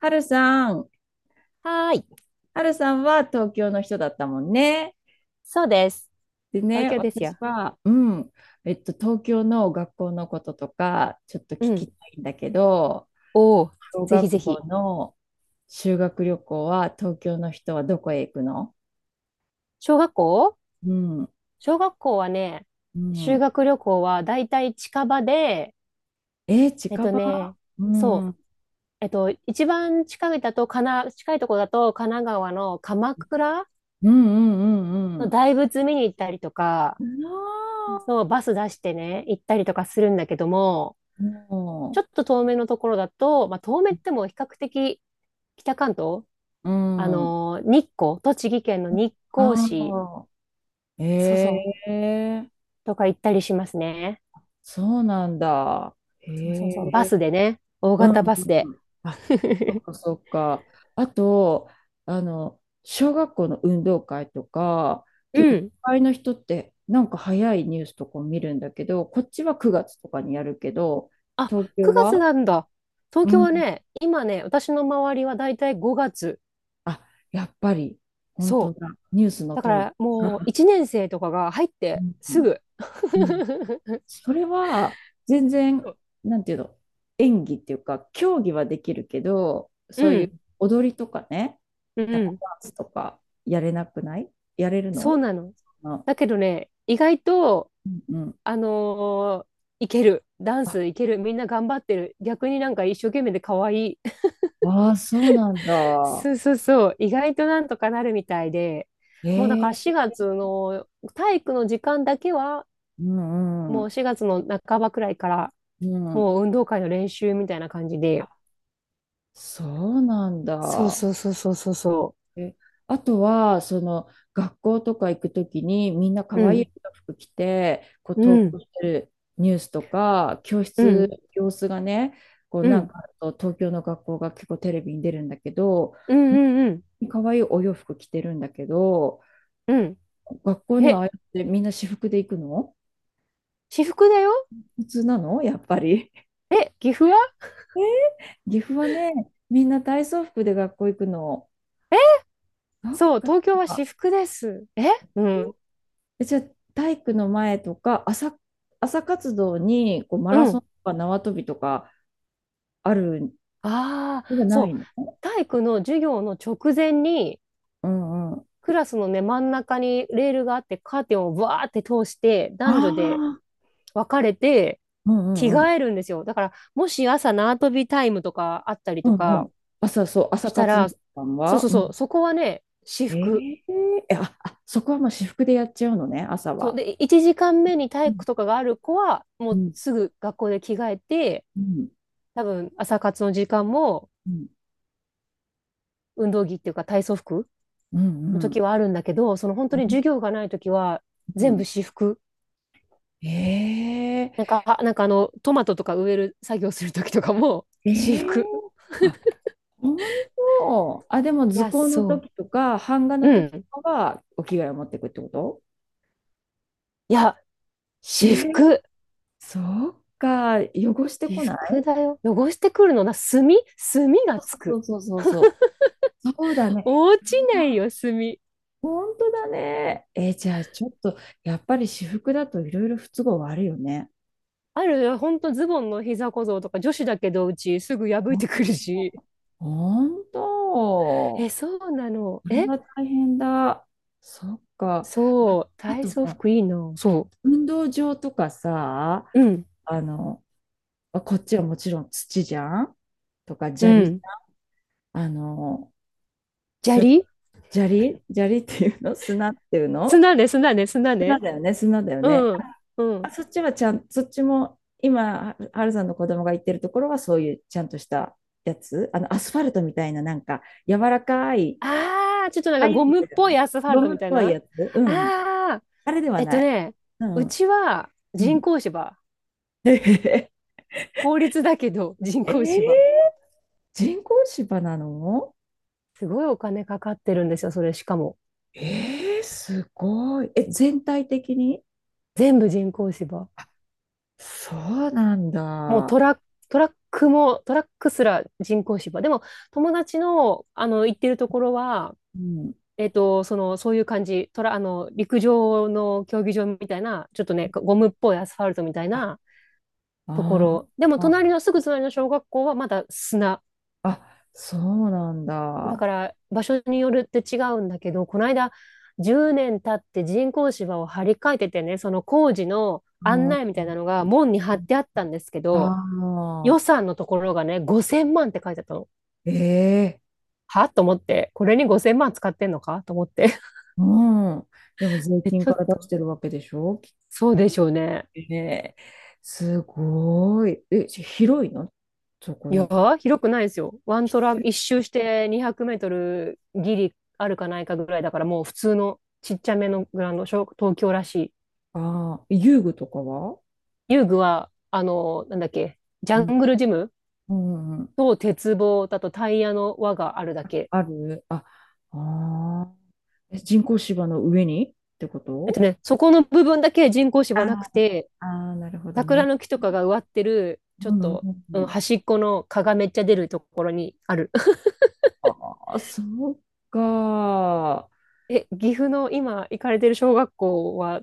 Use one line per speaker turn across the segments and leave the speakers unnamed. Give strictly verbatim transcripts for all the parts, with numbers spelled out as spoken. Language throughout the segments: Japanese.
はるさん、
はーい。
はるさんは東京の人だったもんね。
そうです。
で
東
ね、
京です
私
よ。
は、うん、えっと、東京の学校のこととか、ちょっと聞
うん。
きたいんだけど、
おー、
小
ぜひ
学
ぜ
校
ひ。
の修学旅行は、東京の人はどこへ行くの？
小学校
うん、
小学校はね、
う
修
ん。
学旅行はだいたい近場で、
えー、
えっ
近
と
場？
ね、
うん、う
そう、
ん、
えっと、一番近いだと、かな、近いとこだと、神奈川の鎌倉
うん、う
の
ん、
大仏見に行ったりとか、
うん。な
そう、
あ、
バス出してね、行ったりとかするんだけども、ち
も
ょっと遠めのところだと、まあ、遠めっても比較的北関東、
う、
あ
うん。
のー日光、栃木県の日光市、
あ
そうそう、
あ、ええ、
とか行ったりしますね。
そうなんだ。へ
そうそうそう。バス
え。
でね。大
うん。
型バスで。
あ、そっ かそっか。あと、あの、小学校の運動会とか、
う
結構都
ん。
会の人ってなんか早いニュースとかを見るんだけど、こっちはくがつとかにやるけど、
あ、
東京
くがつ
は？
なんだ。東
う
京は
ん。
ね、今ね、私の周りはだいたいごがつ。
あ、やっぱり、本当
そう。
だ。ニュースの
だか
通り。
らもう いちねん生とかが入っ
う
てす
ん。
ぐ。
うん、 それは全然、なんていうの、演技っていうか、競技はできるけど、
う
そうい
ん、
う踊りとかね、
う
なんか
ん、
ダンスとかやれなくない？やれる
そう
の？
なの。
あ、
だけどね、意外と、
うんうん。
あのーいける。ダン
あ、
スいける。みんな頑張ってる。逆になんか一生懸命で可愛い。
あー、そうなんだ。
そうそうそう、意外となんとかなるみたいで、もうだから
ええ、
しがつの体育の時間だけは、
うんう
もう
ん。
しがつの半ばくらいから、
うん。
もう運動会の練習みたいな感じで、
あ、そうなん
そう
だ。
そうそうそうそうそ
え、あとは、その学校とか行くときにみんな
う、う
可愛
ん、
い服着て、こう
う
投
ん、
稿してるニュースとか、教
う
室、
ん、
様子がね、こう
う
なん
ん、
かあると東京の学校が結構テレビに出るんだけど、
うん、うん、うん、
可愛いお洋服着てるんだけど、
うん、
学校にはあ
え、
あやってみんな私服で行くの？
私服だよ。
普通なのやっぱり。
え、岐阜は？
岐阜はね、みんな体操服で学校行くの。
え、
そっ
そう、
か。
東京は私服です。え、うん、
え、じゃあ体育の前とか朝、朝活動にこうマラ
う
ソン
ん、
とか縄跳びとかある？
あ
それ
あ、
が
そ
な
う、
いの？
体育の授業の直前に、
うんうん。あ
クラスのね、真ん中にレールがあって、カーテンをバーって通して、男女で
あ、
分かれて、
うん
着
うんう
替
ん。
えるんですよ。だから、もし朝縄跳びタイムとかあったり
う
と
んう
か
ん。朝、そう、朝
したら、
活動
そう
は、
そう
う
そ
ん、
う、そこはね、私
え
服。
え、えあ、あ、そこはもう私服でやっちゃうのね、朝
そう
は。
で、いちじかんめに体
う
育
ん
とかがある子は、も
う
う
ん
すぐ学校で着替えて、
うん
多分朝活の時間も
うん
運動着っていうか体操服
う
の
んう
時
ん
はあるんだけど、その本当
う
に授
ん
業がない時は
う
全部
ん。
私服。
ええ、
なんか、あなんかあの、トマトとか植える作業するときとかも、
え
私
え、
服。
あ、本当？あ、でも
い
図
や、
工の
そ
時とか、版画
う。
の
う
時
ん。
とかはお着替えを持ってくってこと？
いや、
え
私
ー、
服。
そっか、汚して
私
こな
服
い？
だよ。汚してくるのな、墨墨がつ
そ
く。
うそうそうそうそう。そうだね。
落ちないよ、墨。
本当だね。えー、じゃあちょっと、やっぱり私服だといろいろ不都合はあるよね。
あるよ、ほんとズボンの膝小僧とか女子だけどうちすぐ破いてくるし。
本当。
え、
こ
そうなの。
れ
え、
は大変だ。そっか。
そう、
あ
体
と
操
さ、
服いいな。そ
運動場とかさ、
う。うん、
あの、こっちはもちろん土じゃん、とか
う
砂利、
ん。
あの、
砂
す、
利
砂利砂利っていうの？ 砂っていうの？
砂ね、砂ね、砂
砂
ね。
だよね、砂だよね。
うん、う
あ、
ん。
そっちはちゃん、そっちも、今、ははるさんの子供が行ってるところは、そういうちゃんとしたやつ、あの、アスファルトみたいな、なんか、柔らかい、
ああ、ちょっとなん
ああ
か
い
ゴ
うの
ムっ
じゃ
ぽ
な
い
い？
アスファ
ゴ
ルト
ム
み
っ
たい
ぽい
な。あ
やつ？うん。
あ、
あれでは
えっ
な
と
い？
ね、
う
う
ん。
ちは
う
人
ん。
工芝。
え
公立だけど人工
ー、
芝。
人工芝なの？
すごいお金かかってるんですよ、それしかも。
えー、すごい。え、全体的に？
全部人工芝。
そうなん
もう
だ。
トラック、トラックも、トラックすら人工芝。でも、友達の、あの、行ってるところは、
うん。
えっと、その、そういう感じ。トラ、あの、陸上の競技場みたいな、ちょっとね、ゴムっぽいアスファルトみたい
あ
なとこ
あ
ろ。でも、
ー、
隣の、すぐ隣の小学校はまだ砂。
あ、そうなん
だ
だ。
から場所によるって違うんだけど、この間じゅうねん経って人工芝を張り替えててね、その工事の
う
案
ん、
内みたいなのが門に貼ってあったんですけ
あ
ど、予
あ、
算のところがね、ごせんまんって書いてあったの。
ええ、
はと思って、これにごせんまん使ってんのかと思って。
うん。でも 税
え、
金
ちょ
から
っ
出し
と、
てるわけでしょ、きっ
そうでしょうね。
とね。すごい。え、し、広いの？そこ
いや
の。
ー、広くないですよ。ワントラ、一周してにひゃくメートルギリあるかないかぐらいだから、もう普通のちっちゃめのグラウンド、小東京らしい。
ああ、遊具とかは？
遊具は、あの、なんだっけ、ジ
う
ャン
ん
グルジム
うんうん。
と鉄棒だとタイヤの輪があるだけ。
あるあ、ああ。え、人工芝の上にってこ
えっと
と？
ね、そこの部分だけ人工
あ
芝なくて、
あ、あー、なるほど
桜
ね。
の木とかが植わってる、ちょ
う
っ
んうん
と、
う
うん、
ん。
端っこの蚊がめっちゃ出るところにある。
ああ、そうか。
え、岐阜の今行かれてる小学校は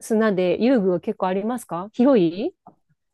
砂で遊具は結構ありますか？広い？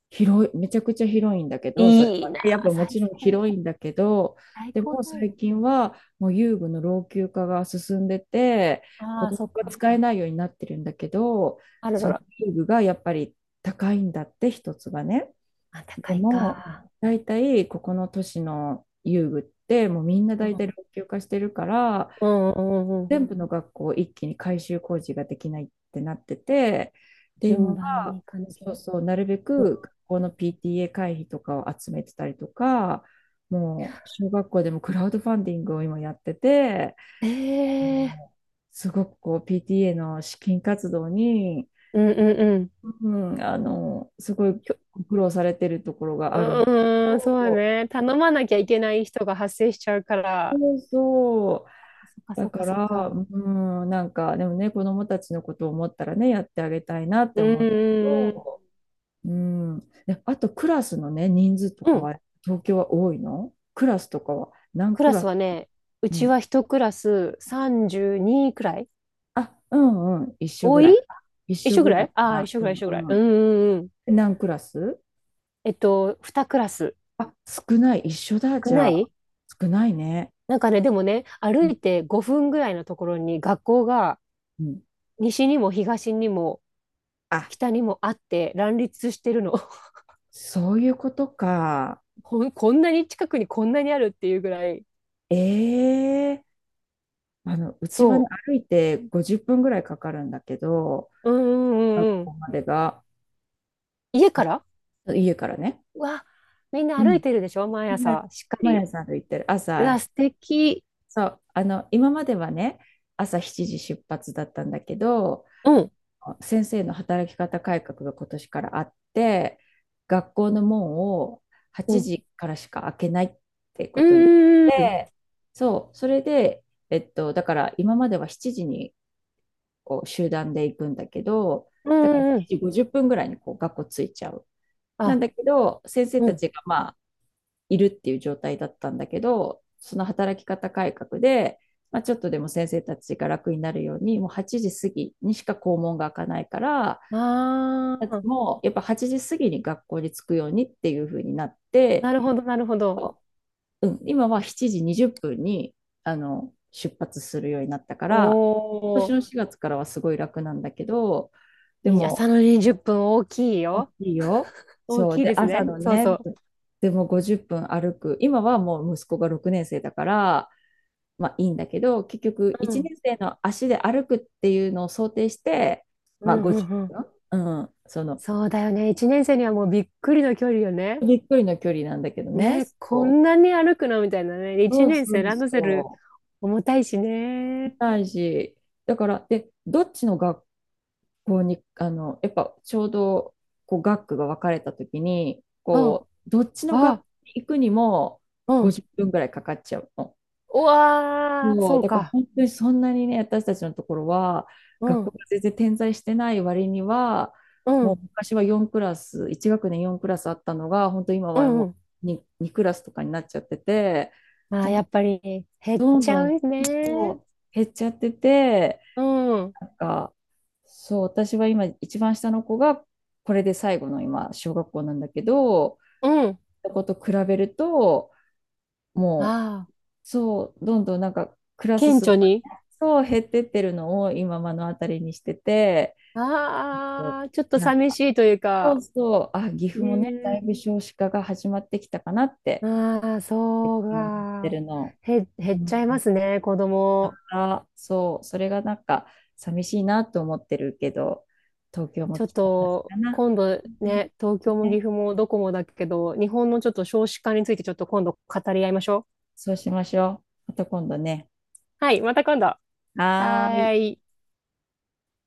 広い、めちゃくちゃ広いんだけど、それ
い
は
いな
ね、やっ
あ、
ぱも
最
ちろん
高。
広いんだけど、
最
で
高
も
だ
最
よ。
近はもう遊具の老朽化が進んでて、子
ああ、
供
そっ
が
か。
使えないようになってるんだけど、
あらら
その
ら。
遊具がやっぱり高いんだって、一つがね。
あ、
で
高い
も、
か。
大体ここの都市の遊具って、もうみんな
う
大体老
ん、
朽化してるから、
うん、うん、うん。
全部の学校一気に改修工事ができないってなってて、で、今
順番に
は、
行かなきゃ。
そうそう、なるべく学校の ピーティーエー 会費とかを集めてたりとか、もう小学校でもクラウドファンディングを今やってて、
ええ、
すごくこう ピーティーエー の資金活動に、
うんうんうん。
うん、あの、すごい
きょ
ご苦労されてるところが
う
ある。
ーん、そうね。頼まなきゃいけない人が発生しちゃうから。
そうそう
そっかそ
だ
っ
か
かそっ
ら、
か。
うん、なんか、でもね、子供たちのことを思ったらね、やってあげたいなっ
う
て
んう
思うけ
んうん。
ど、うん。で、あと、クラスのね、人数と
う
か
ん、
は、東京は多いの？クラスとかは、何
ク
ク
ラ
ラ
ス
ス？
はね、う
う
ち
ん。
は一クラスさんじゅうにくらい。
あ、うんうん、一緒ぐ
多い？
らいか。一
一
緒
緒く
ぐ
ら
らい
い。
か
ああー、
な。
一緒く
う
らい、一緒くらい。
んう
う
ん。
んうんうん。
で何クラス？
えっと、にクラス。
あ、少ない、一緒だ、
少
じ
な
ゃ
い？
あ。少ないね。
なんかね、でもね、
う
歩
ん
いてごふんぐらいのところに学校が
うん。
西にも東にも
あ、
北にもあって乱立してるの。
そういうことか。
こん、こんなに近くにこんなにあるっていうぐらい。
ええ、あの、うちはね、
そ
歩いてごじゅっぷんぐらいかかるんだけど、
う。うんうん
学
うんう
校
ん。
までが、
家から？
家からね。
うわ、みん
う
な歩
ん。
いてるでしょ毎
みんな
朝、しっか
毎
り。
朝歩いてる。
う
朝、
わ、素敵。
そう、あの、今まではね、朝しちじ出発だったんだけど、
うん。
先生の働き方改革が今年からあって、学校の門を
う
8
ん。
時からしか開けないって
う
ことになっ
んうん
て、そう、それで、えっと、だから今まではしちじにこう集団で行くんだけど、
う
だから
んう
7
ん。
時ごじゅっぷんぐらいにこう学校着いちゃう。なん
あ、
だけど、先生
う
た
ん。
ちがまあいるっていう状態だったんだけど、その働き方改革で、まあ、ちょっとでも先生たちが楽になるように、もうはちじ過ぎにしか校門が開かないから、
ああ、
もうやっぱはちじ過ぎに学校に着くようにっていう風になって、
なるほど、なるほど。
うん、今はしちじにじゅっぷんに、あの、出発するようになったか
お
ら、今年
お、
のしがつからはすごい楽なんだけど、で
に朝
も
のにじゅっぷん大きい
大
よ。
きいよ。
大
そう。
きい
で、
です
朝
ね。
の
そう
ね、
そ
でもごじゅっぷん歩く。今はもう息子がろくねん生だから、まあいいんだけど、結局
う。う
いちねん
ん。
生の足で歩くっていうのを想定して、
う
まあ
んうんうん。
ごじゅっぷん。うん。その、
そうだよね。いちねん生にはもうびっくりの距離よね。
びっくりの距離なんだけどね。
ね、こ
そ
ん
う。
なに歩くのみたいなね。一
そう
年
そ
生
う
ランドセル
そ
重たいし
う。
ね。
大事。だから、で、どっちの学こうに、あの、やっぱちょうど、こう、学区が分かれたときに、
うん、
こう、どっちの学
あ、
区に行くにも
うん。
ごじゅっぷんぐらいかかっちゃうの。
うわー、
そう、
そう
だから
か。
本当にそんなにね、私たちのところは、
うん、
学校
う
が全然点在してない割には、も
ん、
う昔はよんクラス、いち学年よんクラスあったのが、本当今
う
は
ん、
も
うん。
う に, にクラスとかになっちゃってて、
まあ、
も
や
う
っぱり減っ
どん
ちゃ
ど
う
ん、そ
ね。
う減っちゃってて、
うん、う
なんか、そう、私は今、一番下の子が、これで最後の今、小学校なんだけど、
ん。
そこと比べると、もう、
ああ、
そう、どんどんなんか、クラス
顕
数が
著
ね、
に。
そう、減ってってるのを今、目の当たりにしてて、で、
ああ、ちょっと
なん
寂
か、
しいという
そう
か。
そう、あ、岐阜もね、だい
ね
ぶ少子化が始まってきたかなっ
え、
て、
ああ、
最
そう
近思って
か。
るの。
へ、減
う
っち
ん
ゃいますね、子
か
供。
ら、そう、それがなんか寂しいなと思ってるけど、東京も
ちょっ
来た同じ
と
かな。
今度
うん、
ね、東京も岐
ね、
阜もどこもだけど、日本のちょっと少子化についてちょっと今度語り合いましょう。
そうしましょう。また今度ね。
はい、また今度。は
はーい。
ーい。